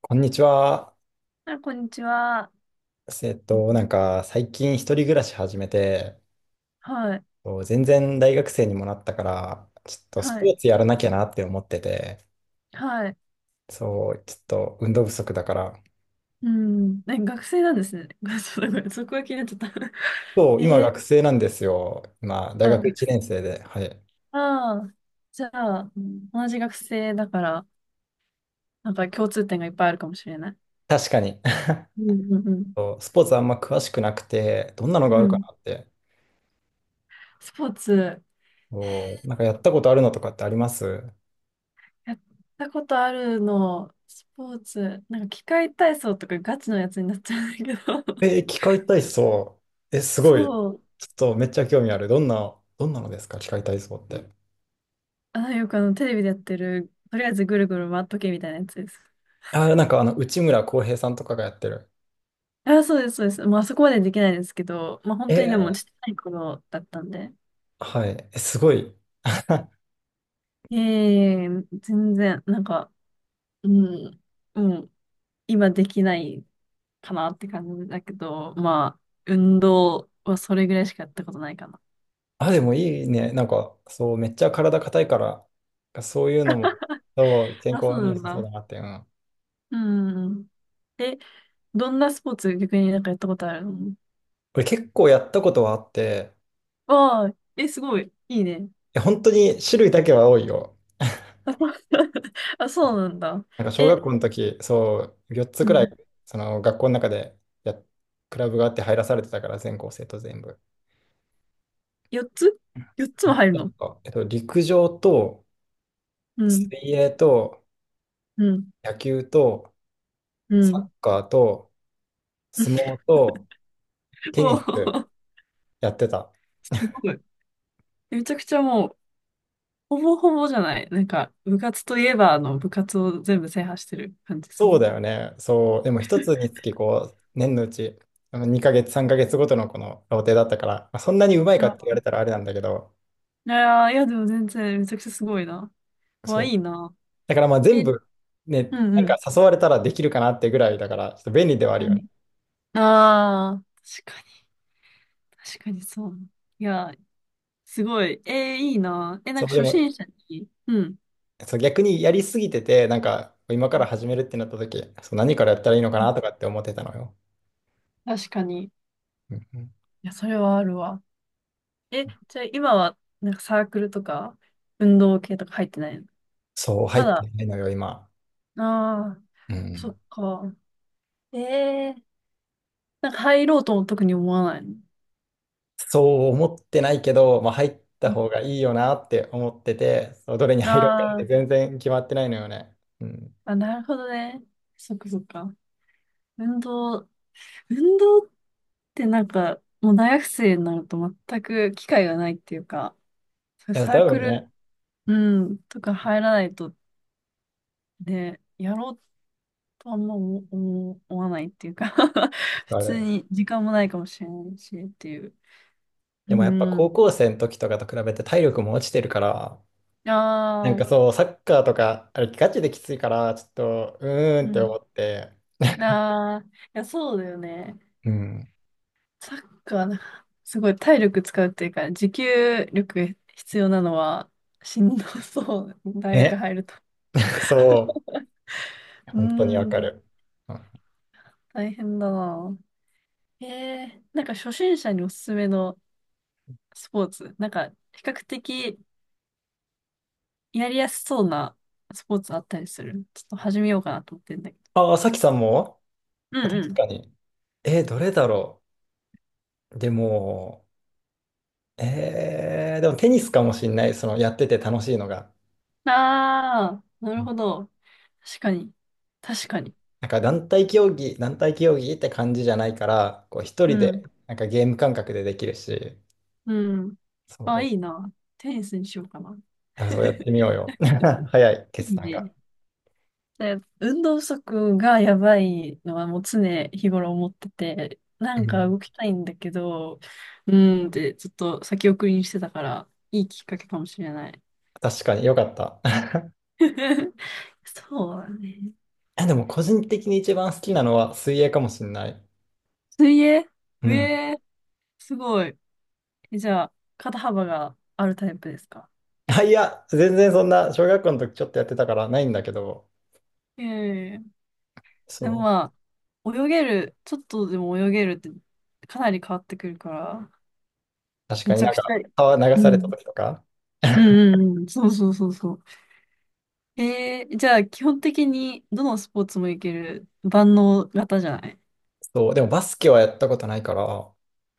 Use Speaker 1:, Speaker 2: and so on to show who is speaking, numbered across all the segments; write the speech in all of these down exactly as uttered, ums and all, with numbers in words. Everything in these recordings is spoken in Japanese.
Speaker 1: こんにちは。
Speaker 2: あ、こんにちは。
Speaker 1: えっと、なんか最近一人暮らし始めて、
Speaker 2: はい、
Speaker 1: こう全然大学生にもなったから、ちょっとス
Speaker 2: は
Speaker 1: ポ
Speaker 2: い、
Speaker 1: ーツやらなきゃなって思ってて、
Speaker 2: はい。
Speaker 1: そう、ちょっと運動不足だから。
Speaker 2: うん、え、学生なんですね。そうだ、ごめん、そこが気になっちゃった。
Speaker 1: そう、
Speaker 2: え
Speaker 1: 今
Speaker 2: ー、
Speaker 1: 学生なんですよ。今、大
Speaker 2: あ、
Speaker 1: 学
Speaker 2: 学
Speaker 1: 1
Speaker 2: 生。
Speaker 1: 年生で。はい。
Speaker 2: ああ、じゃあ、うん、同じ学生だから、なんか共通点がいっぱいあるかもしれない。
Speaker 1: 確かに。
Speaker 2: うんうんう
Speaker 1: そうスポーツあんま詳しくなくて、どんなのが
Speaker 2: ん。
Speaker 1: ある
Speaker 2: う
Speaker 1: か
Speaker 2: ん。
Speaker 1: なって。
Speaker 2: スポーツ、
Speaker 1: そうなんかやったことあるのとかってあります？
Speaker 2: やったことあるの、スポーツ、なんか器械体操とかガチのやつになっちゃうんだけど、
Speaker 1: え、機械体操。え、すごい。
Speaker 2: そう、
Speaker 1: ちょっとめっちゃ興味ある。どんな、どんなのですか機械体操って。
Speaker 2: あ、よくあの、テレビでやってる、とりあえずぐるぐる回っとけみたいなやつです。
Speaker 1: あ、なんかあの、内村航平さんとかがやってる。
Speaker 2: あ、そうです、そうです。まあ、そこまでできないですけど、まあ、本当にでも、ちっ
Speaker 1: え
Speaker 2: ちゃい頃だったんで。
Speaker 1: ー、はい。えすごい。
Speaker 2: ええ全然、なんか、うん、もう、今できないかなって感じだけど、まあ、運動はそれぐらいしかやったことないかな。
Speaker 1: あ、でもいいね。なんか、そう、めっちゃ体硬いから、そういうのも、そう、健
Speaker 2: あ、そ
Speaker 1: 康
Speaker 2: う
Speaker 1: に
Speaker 2: な
Speaker 1: 良
Speaker 2: ん
Speaker 1: さそうだ
Speaker 2: だ。
Speaker 1: なって。うん。
Speaker 2: うん。え、どんなスポーツ、逆になんかやったことあるの？
Speaker 1: 俺結構やったことはあって、
Speaker 2: ああ、え、すごい。いいね。
Speaker 1: いや本当に種類だけは多いよ。
Speaker 2: あ、そうなんだ。
Speaker 1: なんか小学
Speaker 2: え、
Speaker 1: 校の時、そう、よっつ
Speaker 2: う
Speaker 1: くらい、
Speaker 2: ん。
Speaker 1: その学校の中でや、クラブがあって入らされてたから、全校生徒全部。
Speaker 2: よっつ？ よっ つ
Speaker 1: あ、
Speaker 2: も入る
Speaker 1: なん
Speaker 2: の？
Speaker 1: か、えっと、陸上と、
Speaker 2: うん、
Speaker 1: 水泳と、
Speaker 2: うん、
Speaker 1: 野球と、
Speaker 2: う
Speaker 1: サッ
Speaker 2: ん。
Speaker 1: カーと、相撲とテ
Speaker 2: お
Speaker 1: ニス
Speaker 2: ー。
Speaker 1: やってた。
Speaker 2: すごい。めちゃくちゃもう、ほぼほぼじゃない。なんか、部活といえば、あの、部活を全部制覇してる感じす
Speaker 1: そう
Speaker 2: る。
Speaker 1: だよね。そう。でも一つにつきこう、年のうち、あのにかげつ、さんかげつごとのこのローテだったから、まあ、そんなにうまいかって
Speaker 2: あ、
Speaker 1: 言われたらあれなんだけど、
Speaker 2: いやー、いや、でも全然、めちゃくちゃすごいな。わ、
Speaker 1: そ
Speaker 2: い
Speaker 1: う。
Speaker 2: いな。
Speaker 1: だからまあ全
Speaker 2: え、う
Speaker 1: 部、ね、な
Speaker 2: ん
Speaker 1: ん
Speaker 2: う
Speaker 1: か
Speaker 2: ん。
Speaker 1: 誘われたらできるかなってぐらいだから、ちょっと便利ではあ
Speaker 2: う
Speaker 1: るよね。
Speaker 2: ん。ああー、確かに、確かにそう。いや、すごい。えー、いいな。え、なん
Speaker 1: そ
Speaker 2: か
Speaker 1: う、で
Speaker 2: 初
Speaker 1: も、
Speaker 2: 心者に、うん、
Speaker 1: そう、逆にやりすぎてて、なんか今から始めるってなった時、そう、何からやったらいいのかなとかって思ってたのよ。
Speaker 2: 確かに。い
Speaker 1: うんうん。
Speaker 2: や、それはあるわ。え、じゃあ今は、なんかサークルとか、運動系とか入ってないの？
Speaker 1: そう、入
Speaker 2: ま
Speaker 1: って
Speaker 2: だ？
Speaker 1: ないのよ、今。
Speaker 2: ああ、
Speaker 1: う
Speaker 2: そ
Speaker 1: ん。
Speaker 2: っか。ええなんか入ろうとも特に思わないの。
Speaker 1: そう思ってないけど、まあ、入った
Speaker 2: うん、
Speaker 1: 方がいいよなって思ってて、そうどれに
Speaker 2: あ
Speaker 1: 入ろうかって
Speaker 2: ー、
Speaker 1: 全然決まってないのよね。うん。
Speaker 2: あ、なるほどね。そっかそっか。運動、運動ってなんか、もう大学生になると全く機会がないっていうか、そういう
Speaker 1: いや、
Speaker 2: サー
Speaker 1: 多
Speaker 2: ク
Speaker 1: 分
Speaker 2: ル、
Speaker 1: ね、
Speaker 2: うん、とか入らないと、ね、やろうとあんま思思思わないっていうか。 普
Speaker 1: あ
Speaker 2: 通
Speaker 1: れ。
Speaker 2: に時間もないかもしれないしっていう。
Speaker 1: でも
Speaker 2: う
Speaker 1: やっぱ
Speaker 2: ん。
Speaker 1: 高校生の時とかと比べて体力も落ちてるから、なん
Speaker 2: あ
Speaker 1: か
Speaker 2: あ、
Speaker 1: そう、サッカーとか、あれガチできついから、ちょっと、うーんっ
Speaker 2: う
Speaker 1: て
Speaker 2: ん。
Speaker 1: 思って、
Speaker 2: ああ、いや、そうだよね。
Speaker 1: うん。
Speaker 2: サッカーな、すごい体力使うっていうか、持久力必要なのはしんどそう。大学
Speaker 1: え、
Speaker 2: 入ると。
Speaker 1: そう、
Speaker 2: うー
Speaker 1: 本当にわか
Speaker 2: ん、
Speaker 1: る。うん。
Speaker 2: 大変だな。ええなんか初心者におすすめのスポーツ、なんか比較的やりやすそうなスポーツあったりする？ちょっと始めようかなと思ってんだけ
Speaker 1: ああ、さきさんも。
Speaker 2: ど。
Speaker 1: あ、
Speaker 2: うんう
Speaker 1: 確
Speaker 2: ん。
Speaker 1: かに。え、どれだろう。でも、えー、でもテニスかもしんない、そのやってて楽しいのが。
Speaker 2: ああ、な
Speaker 1: う
Speaker 2: る
Speaker 1: ん。
Speaker 2: ほど。確かに。確かに。
Speaker 1: なんか団体競技、団体競技って感じじゃないから、こう一
Speaker 2: う
Speaker 1: 人
Speaker 2: ん。
Speaker 1: でなんかゲーム感覚でできるし、
Speaker 2: うん。あ、
Speaker 1: そ
Speaker 2: いいな。テニスにしようかな。
Speaker 1: う、あそうやってみ ようよ。早い
Speaker 2: い
Speaker 1: 決
Speaker 2: い
Speaker 1: 断が。
Speaker 2: ね。で運動不足がやばいのはもう常日頃思ってて、な
Speaker 1: う
Speaker 2: んか
Speaker 1: ん。
Speaker 2: 動きたいんだけど、うーんってちょっと先送りにしてたから、いいきっかけかもしれない。
Speaker 1: 確かによかった。
Speaker 2: そうだね。
Speaker 1: え、でも個人的に一番好きなのは水泳かもしんない。
Speaker 2: 水泳？
Speaker 1: う
Speaker 2: え
Speaker 1: ん。
Speaker 2: えー、すごい。え、じゃあ、肩幅があるタイプですか？
Speaker 1: あ、いや、全然そんな小学校の時ちょっとやってたからないんだけど、
Speaker 2: ええで
Speaker 1: そ
Speaker 2: も
Speaker 1: う、
Speaker 2: まあ、泳げる、ちょっとでも泳げるってかなり変わってくるから、
Speaker 1: 確
Speaker 2: め
Speaker 1: かに
Speaker 2: ちゃ
Speaker 1: なん
Speaker 2: くちゃ、
Speaker 1: か川流
Speaker 2: う
Speaker 1: された
Speaker 2: ん。
Speaker 1: 時とか。
Speaker 2: う んうんうん。そうそうそうそう。えー、じゃあ、基本的にどのスポーツもいける万能型じゃない？
Speaker 1: そう、でもバスケはやったことないから、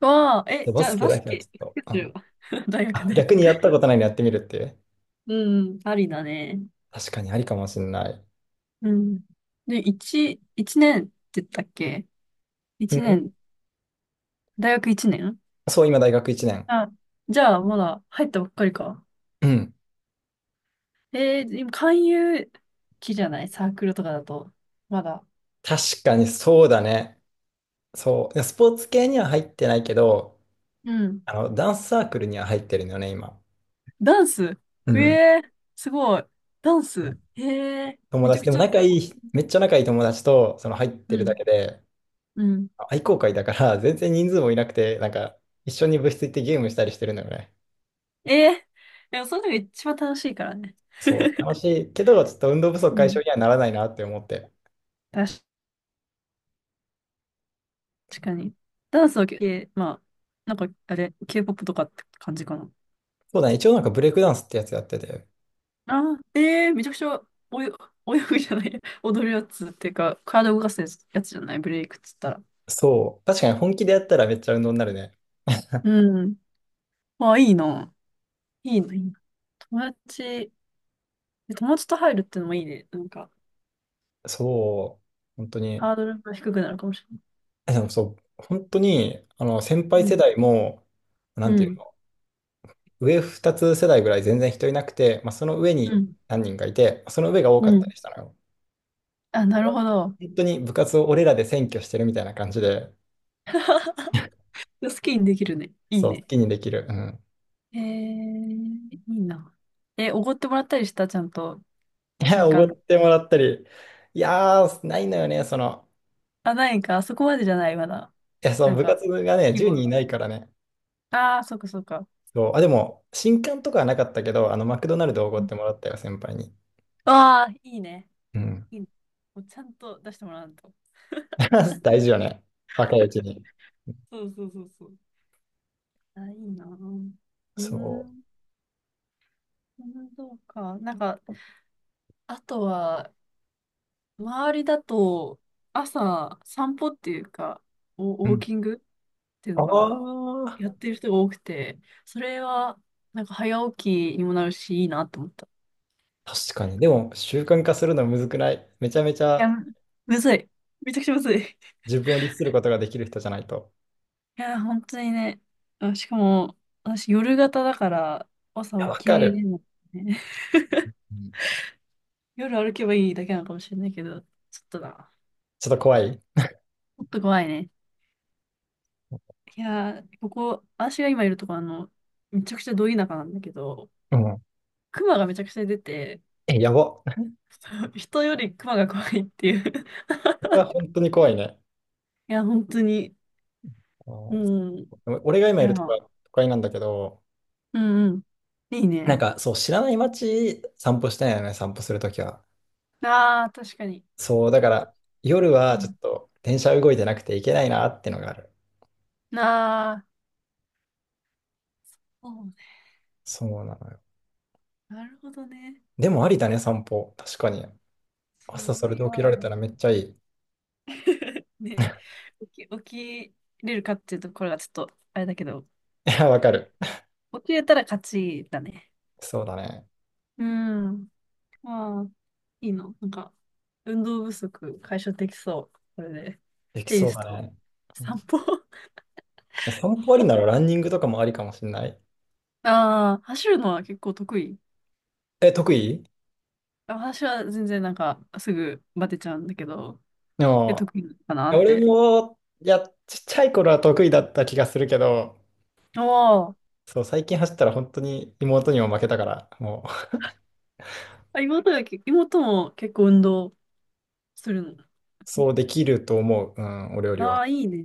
Speaker 2: わあ、え、
Speaker 1: でバ
Speaker 2: じゃ
Speaker 1: ス
Speaker 2: あ、
Speaker 1: ケ
Speaker 2: バ
Speaker 1: だ
Speaker 2: ス
Speaker 1: けはち
Speaker 2: ケ、
Speaker 1: ょっと、
Speaker 2: バスケす
Speaker 1: あ、
Speaker 2: るわ。大学
Speaker 1: あ、
Speaker 2: で。
Speaker 1: 逆にやったことないのやってみるっていう。
Speaker 2: うん、ありだね。
Speaker 1: 確かにありかもしんない。
Speaker 2: うん。で、一、一年って言ったっけ？
Speaker 1: う
Speaker 2: 一年、
Speaker 1: ん。
Speaker 2: 大学一年？
Speaker 1: そう、今大学いちねん。
Speaker 2: あ、じゃあ、まだ入ったばっかりか。
Speaker 1: うん。
Speaker 2: えー、今、勧誘期じゃないサークルとかだと。まだ。
Speaker 1: 確かにそうだね。そう。いやスポーツ系には入ってないけど、
Speaker 2: うん。
Speaker 1: あの、ダンスサークルには入ってるのよね、今。
Speaker 2: ダンス？
Speaker 1: う
Speaker 2: え
Speaker 1: ん。
Speaker 2: えー、すごい。ダンス？ええー、
Speaker 1: 友
Speaker 2: めちゃ
Speaker 1: 達、
Speaker 2: く
Speaker 1: でも
Speaker 2: ちゃ、
Speaker 1: 仲いい、めっちゃ仲いい友達と、その入っ
Speaker 2: う
Speaker 1: てるだ
Speaker 2: ん。
Speaker 1: けで、
Speaker 2: うん、
Speaker 1: 愛好会だから、全然人数もいなくて、なんか、一緒に部室行ってゲームしたりしてるのよね。
Speaker 2: ええ、でもその時が一番楽しいからね。
Speaker 1: そう、楽しいけど、ちょっと運動不足
Speaker 2: う
Speaker 1: 解
Speaker 2: ん。
Speaker 1: 消にはならないなって思って。
Speaker 2: 確かに。ダンスは系、えまあ、なんか、あれ、ケーポップ とかって感じかな。
Speaker 1: そうだね。一応なんかブレイクダンスってやつやってて。
Speaker 2: ああ、ええ、めちゃくちゃ、およ、泳ぐじゃない、踊るやつっていうか、体動かすやつ、やつじゃない、ブレイクっつったら。
Speaker 1: そう。確かに本気でやったらめっちゃ運動になるね。
Speaker 2: うん。ああ、いいな。いいな、いいな。友達、友達と入るってのもいいね。なんか、
Speaker 1: そう。本当に。
Speaker 2: ハードルが低くなるかもしれ
Speaker 1: えでもそう。本当に、あの、先輩
Speaker 2: ない。う
Speaker 1: 世
Speaker 2: ん。
Speaker 1: 代も、な
Speaker 2: う
Speaker 1: んていう
Speaker 2: ん。
Speaker 1: の、上ふたつ世代ぐらい全然人いなくて、まあ、その上
Speaker 2: う
Speaker 1: に
Speaker 2: ん。
Speaker 1: 何人かいて、その上が多
Speaker 2: う
Speaker 1: かった
Speaker 2: ん。
Speaker 1: りしたのよ。
Speaker 2: あ、なるほど。
Speaker 1: 本当に部活を俺らで占拠してるみたいな感じで、
Speaker 2: 好きにできるね。いい
Speaker 1: そう、好
Speaker 2: ね。
Speaker 1: きにできる。うん。
Speaker 2: えー、いいな。え、おごってもらったりしたちゃんと、
Speaker 1: いや、
Speaker 2: 瞬
Speaker 1: おごっ
Speaker 2: 間。
Speaker 1: てもらったり。いやー、ないのよね、その。
Speaker 2: あ、ないか、あそこまでじゃない、まだ。
Speaker 1: いや、そ
Speaker 2: な
Speaker 1: の
Speaker 2: ん
Speaker 1: 部
Speaker 2: か、
Speaker 1: 活がね、
Speaker 2: 規
Speaker 1: 10
Speaker 2: 模
Speaker 1: 人い
Speaker 2: が。
Speaker 1: ないからね。
Speaker 2: ああ、そっかそっか。
Speaker 1: そう、あ、でも、新刊とかはなかったけど、あの、マクドナルドおごってもらったよ、先輩に。
Speaker 2: ああー、いいね。
Speaker 1: うん。
Speaker 2: いいね。もうちゃんと出してもらわんと。
Speaker 1: 大事よね。若いうち に。
Speaker 2: そうそうそうそう。あ、いいな。うー
Speaker 1: そ
Speaker 2: ん、そうか。なんか、あとは、周りだと、朝、散歩っていうか、
Speaker 1: う。
Speaker 2: お
Speaker 1: う
Speaker 2: ウォー
Speaker 1: ん。
Speaker 2: キングっていう
Speaker 1: あ
Speaker 2: のかな。
Speaker 1: あ、
Speaker 2: やってる人が多くて、それは、なんか早起きにもなるし、いいなと思った。い
Speaker 1: 確かに。でも、習慣化するのむずくない？めちゃめち
Speaker 2: や、
Speaker 1: ゃ
Speaker 2: むずい。めちゃくちゃむずい。い
Speaker 1: 自分を律することができる人じゃないと。
Speaker 2: や、本当にね。あ、しかも、私夜型だから、
Speaker 1: いや、
Speaker 2: 朝起
Speaker 1: わ
Speaker 2: き
Speaker 1: か
Speaker 2: れ
Speaker 1: る。
Speaker 2: るのね。
Speaker 1: うん。
Speaker 2: 夜歩けばいいだけなのかもしれないけど、ちょっとな。
Speaker 1: ちょっと怖い。
Speaker 2: ちょっと怖いね。いやー、ここ、私が今いるとこ、あの、めちゃくちゃど田舎なんだけど、
Speaker 1: うん。
Speaker 2: 熊がめちゃくちゃ出て、
Speaker 1: え、やば。こ
Speaker 2: 人より熊が怖いっていう。
Speaker 1: れは本当に怖いね。
Speaker 2: いや、本当に、
Speaker 1: あー
Speaker 2: うん。い
Speaker 1: そう俺が今い
Speaker 2: や、
Speaker 1: るとこは都会なんだけど、
Speaker 2: うんうん。いい
Speaker 1: なん
Speaker 2: ね。
Speaker 1: かそう、知らない街散歩したいよね、散歩するときは。
Speaker 2: ああ、確かに。
Speaker 1: そう、だから夜
Speaker 2: う
Speaker 1: はちょっ
Speaker 2: ん。
Speaker 1: と電車動いてなくて行けないなってのがある。
Speaker 2: ああ、そうね。
Speaker 1: そうなのよ。
Speaker 2: なるほどね。
Speaker 1: でもありだね、散歩。確かに。朝
Speaker 2: そ
Speaker 1: そ
Speaker 2: う、
Speaker 1: れ
Speaker 2: い
Speaker 1: で
Speaker 2: や
Speaker 1: 起きられた
Speaker 2: ー、
Speaker 1: らめっちゃいい。い
Speaker 2: ね。起き、起きれるかっていうところがちょっと、あれだけど、
Speaker 1: や、わかる。
Speaker 2: 起きれたら勝ちだね。
Speaker 1: そうだね。
Speaker 2: うん。ああ、いいの。なんか、運動不足解消できそう。これで。
Speaker 1: でき
Speaker 2: テニ
Speaker 1: そう
Speaker 2: ス
Speaker 1: だ
Speaker 2: と
Speaker 1: ね。うん。
Speaker 2: 散
Speaker 1: い
Speaker 2: 歩。
Speaker 1: や、散歩ありならランニングとかもありかもしれない。
Speaker 2: ああ、走るのは結構得意。
Speaker 1: え、得意？
Speaker 2: あ、私は全然なんか、すぐバテちゃうんだけど、
Speaker 1: で
Speaker 2: え、
Speaker 1: も、
Speaker 2: 得意かな
Speaker 1: いや
Speaker 2: っ
Speaker 1: 俺
Speaker 2: て。
Speaker 1: も、いや、ちっちゃい頃は得意だった気がするけど、
Speaker 2: ああ、
Speaker 1: そう、最近走ったら本当に妹にも負けたから、もう、
Speaker 2: あ、妹がけ、妹も結構運動するの？
Speaker 1: そうできると思う。うん、お料理
Speaker 2: あ
Speaker 1: は。
Speaker 2: あ、いいね。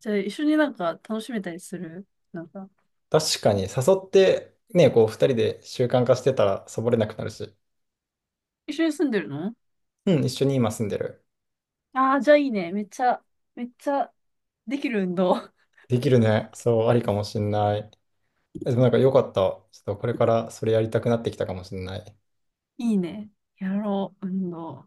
Speaker 2: じゃあ、一緒になんか楽しめたりする？なんか、
Speaker 1: 確かに、誘って、ね、こう、二人で習慣化してたら、サボれなくなるし。
Speaker 2: 一緒に住んでるの？
Speaker 1: うん、一緒に今住んでる。
Speaker 2: ああ、じゃあいいね。めっちゃ、めっちゃできる運動。
Speaker 1: できるね。そう、ありかもしんない。でもなんか良かった。ちょっとこれからそれやりたくなってきたかもしんない。
Speaker 2: いいね。やろう、運動。